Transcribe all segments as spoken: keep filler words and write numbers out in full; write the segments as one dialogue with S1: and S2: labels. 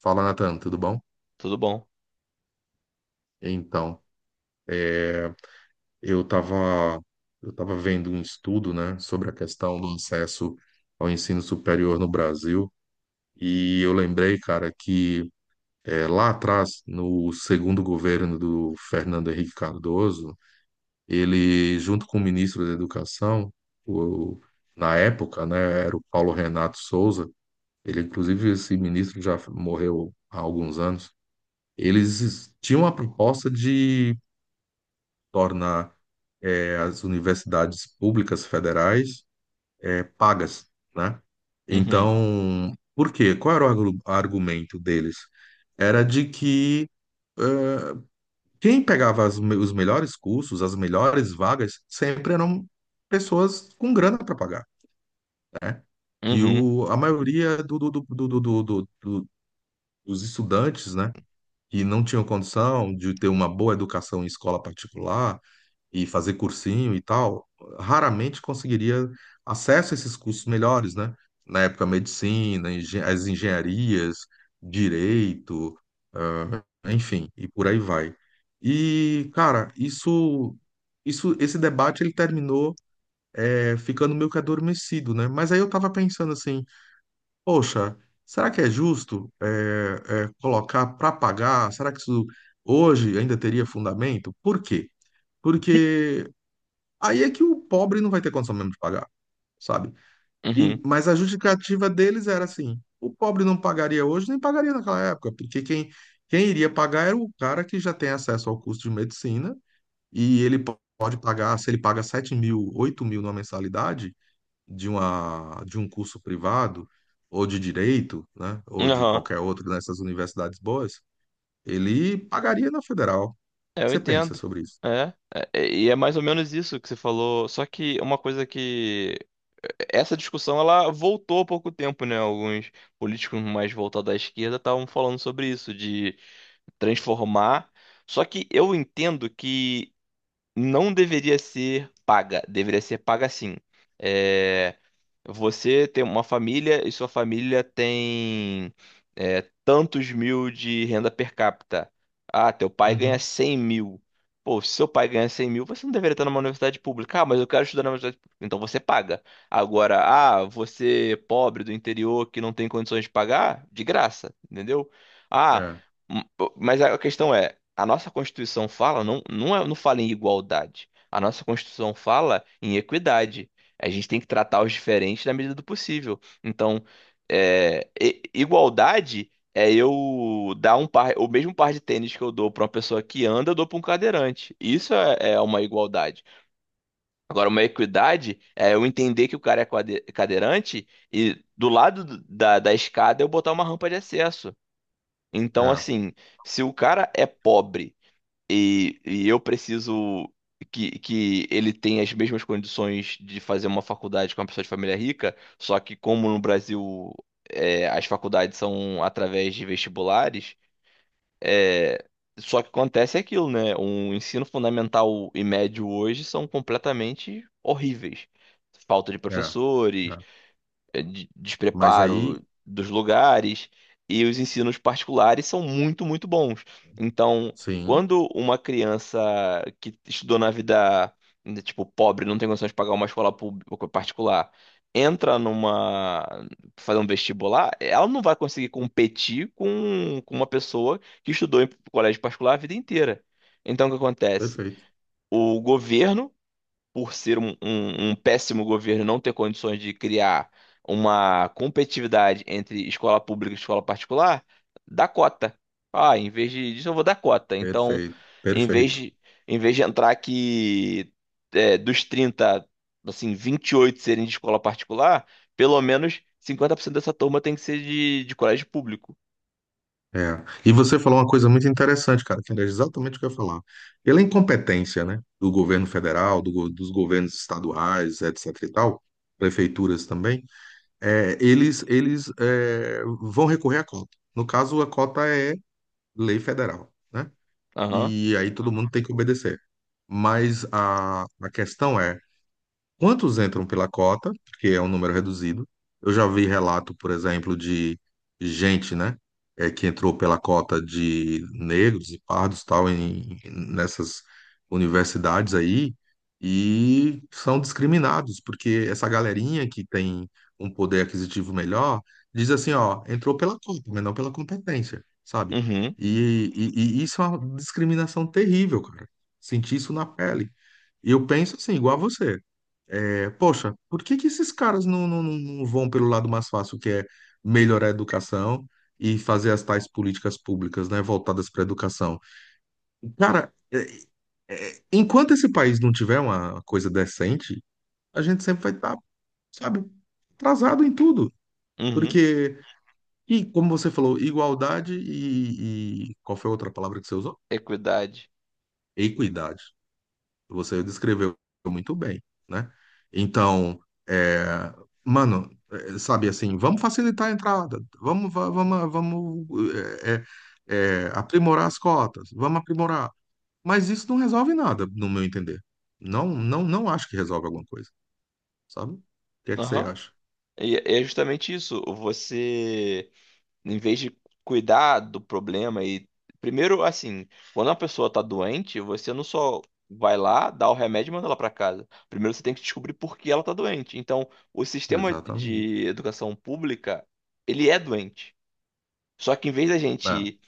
S1: Fala, Nathan, tudo bom?
S2: Tudo bom.
S1: Então, eu estava eu tava vendo um estudo, né, sobre a questão do acesso ao ensino superior no Brasil, e eu lembrei, cara, que eh, lá atrás, no segundo governo do Fernando Henrique Cardoso, ele, junto com o ministro da Educação, o, na época, né, era o Paulo Renato Souza. Ele, inclusive, esse ministro já morreu há alguns anos. Eles tinham a proposta de tornar eh, as universidades públicas federais eh, pagas, né?
S2: Uhum,
S1: Então, por quê? Qual era o argu- argumento deles? Era de que quem pegava as me- os melhores cursos, as melhores vagas, sempre eram pessoas com grana para pagar, né? Que
S2: uhum,
S1: o, a maioria do, do, do, do, do, do- do- do- dos estudantes, né? Que não tinham condição de ter uma boa educação em escola particular, e fazer cursinho e tal, raramente conseguiria acesso a esses cursos melhores, né? Na época, medicina, engen- as engenharias, direito, ah, enfim, e por aí vai. E, cara, isso, isso, esse debate ele terminou é, ficando meio que adormecido, né? Mas aí eu tava pensando assim, poxa, será que é justo é, é, colocar para pagar? Será que isso hoje ainda teria fundamento? Por quê? Porque aí é que o pobre não vai ter condição mesmo de pagar, sabe? E-
S2: uhum,
S1: mas a justificativa deles era assim: o pobre não pagaria hoje, nem pagaria naquela época, porque quem, quem iria pagar era o cara que já tem acesso ao curso de medicina, e ele po- pode pagar, se ele paga sete mil, oito mil numa mensalidade de, uma, de um curso privado, ou de direito, né? Ou de
S2: aham.
S1: qualquer outro nessas universidades boas, ele pagaria na federal. O
S2: É,
S1: que
S2: eu
S1: você pensa
S2: entendo.
S1: sobre isso?
S2: É, é, é, e é mais ou menos isso que você falou. Só que uma coisa que. Essa discussão ela voltou há pouco tempo, né? Alguns políticos mais voltados à esquerda estavam falando sobre isso, de transformar. Só que eu entendo que não deveria ser paga, deveria ser paga sim. É, você tem uma família e sua família tem é, tantos mil de renda per capita. Ah, teu pai ganha
S1: Uhum.
S2: cem mil. Pô, se seu pai ganha cem mil, você não deveria estar numa universidade pública. Ah, mas eu quero estudar na universidade pública. Então você paga. Agora, ah, você pobre do interior que não tem condições de pagar, de graça, entendeu? Ah,
S1: É,
S2: m- mas a questão é, a nossa Constituição fala, não, não, é- não fala em igualdade. A nossa Constituição fala em equidade. A gente tem que tratar os diferentes na medida do possível. Então, é, e- igualdade é eu dar um par, o mesmo par de tênis que eu dou para uma pessoa que anda, eu dou para um cadeirante. Isso é, é uma igualdade. Agora, uma equidade é eu entender que o cara é quade- cadeirante e do lado do- da, da escada eu botar uma rampa de acesso. Então,
S1: é,
S2: assim, se o cara é pobre e, e eu preciso que, que ele tenha as mesmas condições de fazer uma faculdade com uma pessoa de família rica, só que como no Brasil é, as faculdades são através de vestibulares, é, só que acontece aquilo, né? O ensino fundamental e médio hoje são completamente horríveis. Falta de
S1: é. É.
S2: professores, eh, de-
S1: Mas
S2: despreparo
S1: aí
S2: dos lugares e os ensinos particulares são muito, muito bons. Então,
S1: sim,
S2: quando uma criança que estudou na vida, né, tipo, pobre, não tem condições de pagar uma escola pública particular, entra numa, fazer um vestibular, ela não vai conseguir competir com, com uma pessoa que estudou em colégio particular a vida inteira. Então, o que acontece?
S1: perfeito,
S2: O governo por ser um, um- um péssimo governo não ter condições de criar uma competitividade entre escola pública e escola particular, dá cota. Ah, em vez de- disso eu vou dar cota. Então,
S1: perfeito,
S2: em vez
S1: perfeito.
S2: de, em vez de entrar que é, dos trinta assim, vinte e oito serem de escola particular, pelo menos cinquenta por cento dessa turma tem que ser de, de colégio público.
S1: É. E você falou uma coisa muito interessante, cara, que era exatamente o que eu ia falar. Pela incompetência, né, do governo federal, do go- dos governos estaduais, etc e tal, prefeituras também, é, eles, eles é, vão recorrer à cota. No caso, a cota é lei federal, né?
S2: Aham.
S1: E aí todo mundo tem que obedecer. Mas a, a questão é: quantos entram pela cota, que é um número reduzido? Eu já vi relato, por exemplo, de gente, né, é, que entrou pela cota de negros e pardos, tal, em, nessas universidades aí, e são discriminados, porque essa galerinha que tem um poder aquisitivo melhor diz assim, ó, entrou pela cota, mas não pela competência, sabe?
S2: Uhum.
S1: E, e e isso é uma discriminação terrível, cara. Senti isso na pele. E eu penso assim, igual a você. É, poxa, por que que esses caras não, não, não não vão pelo lado mais fácil, que é melhorar a educação e fazer as tais políticas públicas, né, voltadas para a educação? Cara, é, é, enquanto esse país não tiver uma coisa decente, a gente sempre vai estar, sabe, atrasado em tudo.
S2: Uhum.
S1: Porque, e como você falou, igualdade e, e qual foi a outra palavra que você usou?
S2: Equidade.
S1: Equidade. Você descreveu muito bem, né? Então, é, mano, é, sabe assim, vamos facilitar a entrada, vamos, va- vamos, vamos, é, é, é, aprimorar as cotas, vamos aprimorar. Mas isso não resolve nada, no meu entender. Não, não, não acho que resolve alguma coisa, sabe? O que é que você
S2: Aham.
S1: acha?
S2: E e é justamente isso. Você. Em vez de cuidar do problema e. Primeiro, assim, quando uma pessoa tá doente, você não só vai lá, dá o remédio e manda ela pra casa. Primeiro você tem que descobrir por que ela tá doente. Então, o sistema
S1: Exatamente.
S2: de educação pública, ele é doente. Só que em vez da
S1: É.
S2: gente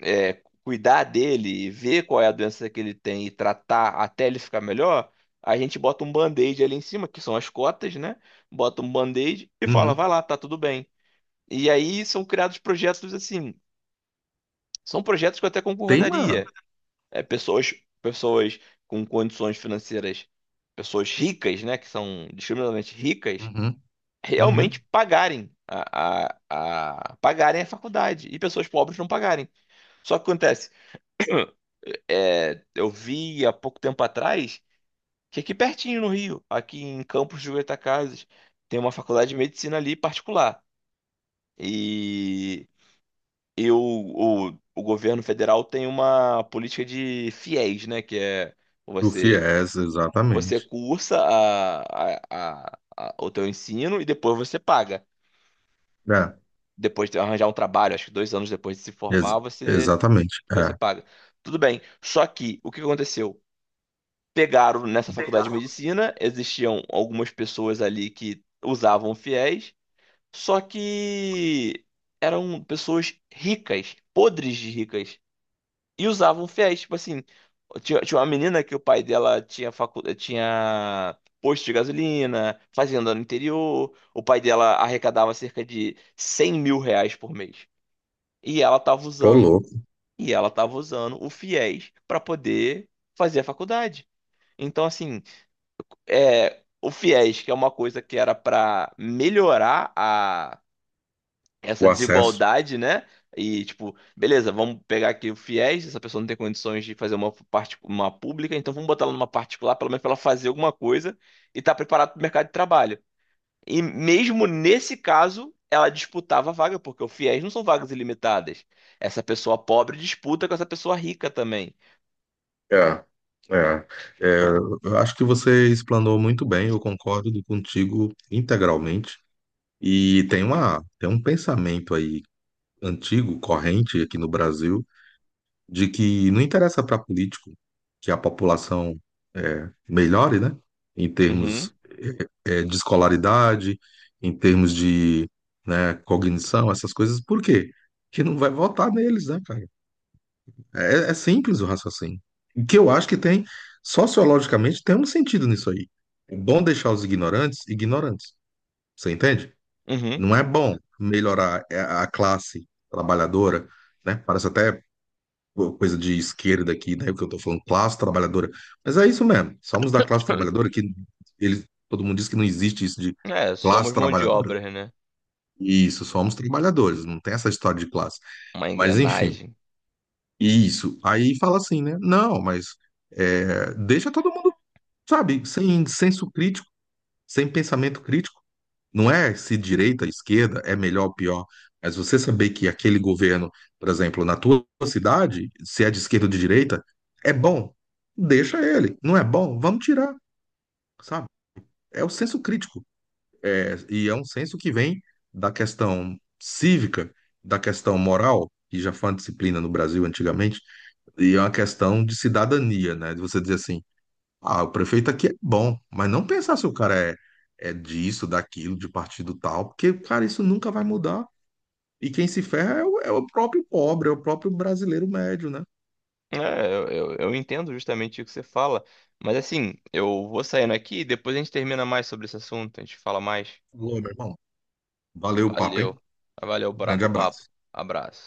S2: é, cuidar dele e ver qual é a doença que ele tem e tratar até ele ficar melhor, a gente bota um band-aid ali em cima, que são as cotas, né? Bota um band-aid e fala,
S1: Uhum.
S2: vai lá, tá tudo bem. E aí são criados projetos assim são projetos que eu até
S1: Tem uma.
S2: concordaria. É, pessoas, pessoas com condições financeiras, pessoas ricas, né, que são discriminadamente ricas,
S1: Uhum.
S2: realmente
S1: Uhum.
S2: pagarem a, a, a- pagarem a faculdade e pessoas pobres não pagarem. Só que acontece, é, eu vi há pouco tempo atrás que aqui pertinho no Rio, aqui em Campos de Goytacazes, tem uma faculdade de medicina ali particular. e E o, o, o governo federal tem uma política de fiéis, né? Que é
S1: O
S2: você,
S1: FIES,
S2: você
S1: exatamente.
S2: cursa a, a, a- a- o teu ensino e depois você paga.
S1: É.
S2: Depois de arranjar um trabalho, acho que dois anos depois de se
S1: Ex-
S2: formar, você,
S1: exatamente.
S2: você
S1: É.
S2: paga. Tudo bem. Só que o que aconteceu? Pegaram nessa faculdade de medicina, existiam algumas pessoas ali que usavam fiéis, só que eram pessoas ricas, podres de ricas. E usavam fiéis, tipo assim. Tinha, tinha uma menina que o pai dela tinha, facu... tinha posto de gasolina, fazenda no interior. O pai dela arrecadava cerca de cem mil reais por mês. E ela tava
S1: Tô
S2: usando,
S1: louco.
S2: e ela tava usando o fiéis para poder fazer a faculdade. Então, assim, é, o fiéis, que é uma coisa que era para melhorar a essa
S1: O acesso.
S2: desigualdade, né? E tipo, beleza, vamos pegar aqui o FIES, essa pessoa não tem condições de fazer uma parte uma pública, então vamos botar ela numa particular, pelo menos para ela fazer alguma coisa e estar tá preparada para o mercado de trabalho. E mesmo nesse caso, ela disputava a vaga, porque o FIES não são vagas ilimitadas. Essa pessoa pobre disputa com essa pessoa rica também.
S1: É, é, é, eu acho que você explanou muito bem, eu concordo contigo integralmente. E tem uma, tem um pensamento aí antigo, corrente aqui no Brasil, de que não interessa para político que a população é, melhore, né? Em
S2: Uhum,
S1: termos é, de escolaridade, em termos de, né, cognição, essas coisas. Por quê? Porque não vai votar neles, né, cara? É, é é simples o raciocínio. O que eu acho que tem, sociologicamente, tem um sentido nisso aí. É bom deixar os ignorantes ignorantes. Você entende?
S2: uhum.
S1: Não é bom melhorar a a classe trabalhadora, né? Parece até coisa de esquerda aqui, né? O que eu tô falando, classe trabalhadora. Mas é isso mesmo. Somos da classe trabalhadora que eles, todo mundo diz que não existe isso de
S2: É,
S1: classe
S2: somos mão de
S1: trabalhadora.
S2: obra, né?
S1: Isso, somos trabalhadores, não tem essa história de classe.
S2: Uma
S1: Mas enfim.
S2: engrenagem.
S1: Isso. Aí fala assim, né? Não, mas é, deixa todo mundo, sabe, sem senso crítico, sem pensamento crítico. Não é se direita, esquerda, é melhor ou pior. Mas você saber que aquele governo, por exemplo, na tua cidade, se é de esquerda ou de direita, é bom, deixa ele. Não é bom, vamos tirar, sabe? É o senso crítico. É, e é um senso que vem da questão cívica, da questão moral, que já foi uma disciplina no Brasil antigamente e é uma questão de cidadania, né? De você dizer assim, ah, o prefeito aqui é bom, mas não pensar se o cara é, é disso, daquilo, de partido tal, porque, cara, isso nunca vai mudar. E quem se ferra é o, é o próprio pobre, é o próprio brasileiro médio, né?
S2: É, eu, eu, eu entendo justamente o que você fala, mas assim, eu vou saindo aqui e depois a gente termina mais sobre esse assunto, a gente fala mais.
S1: Ô, meu irmão, valeu o papo,
S2: Valeu,
S1: hein?
S2: valeu o
S1: Um
S2: bra-
S1: grande
S2: o papo,
S1: abraço.
S2: abraço.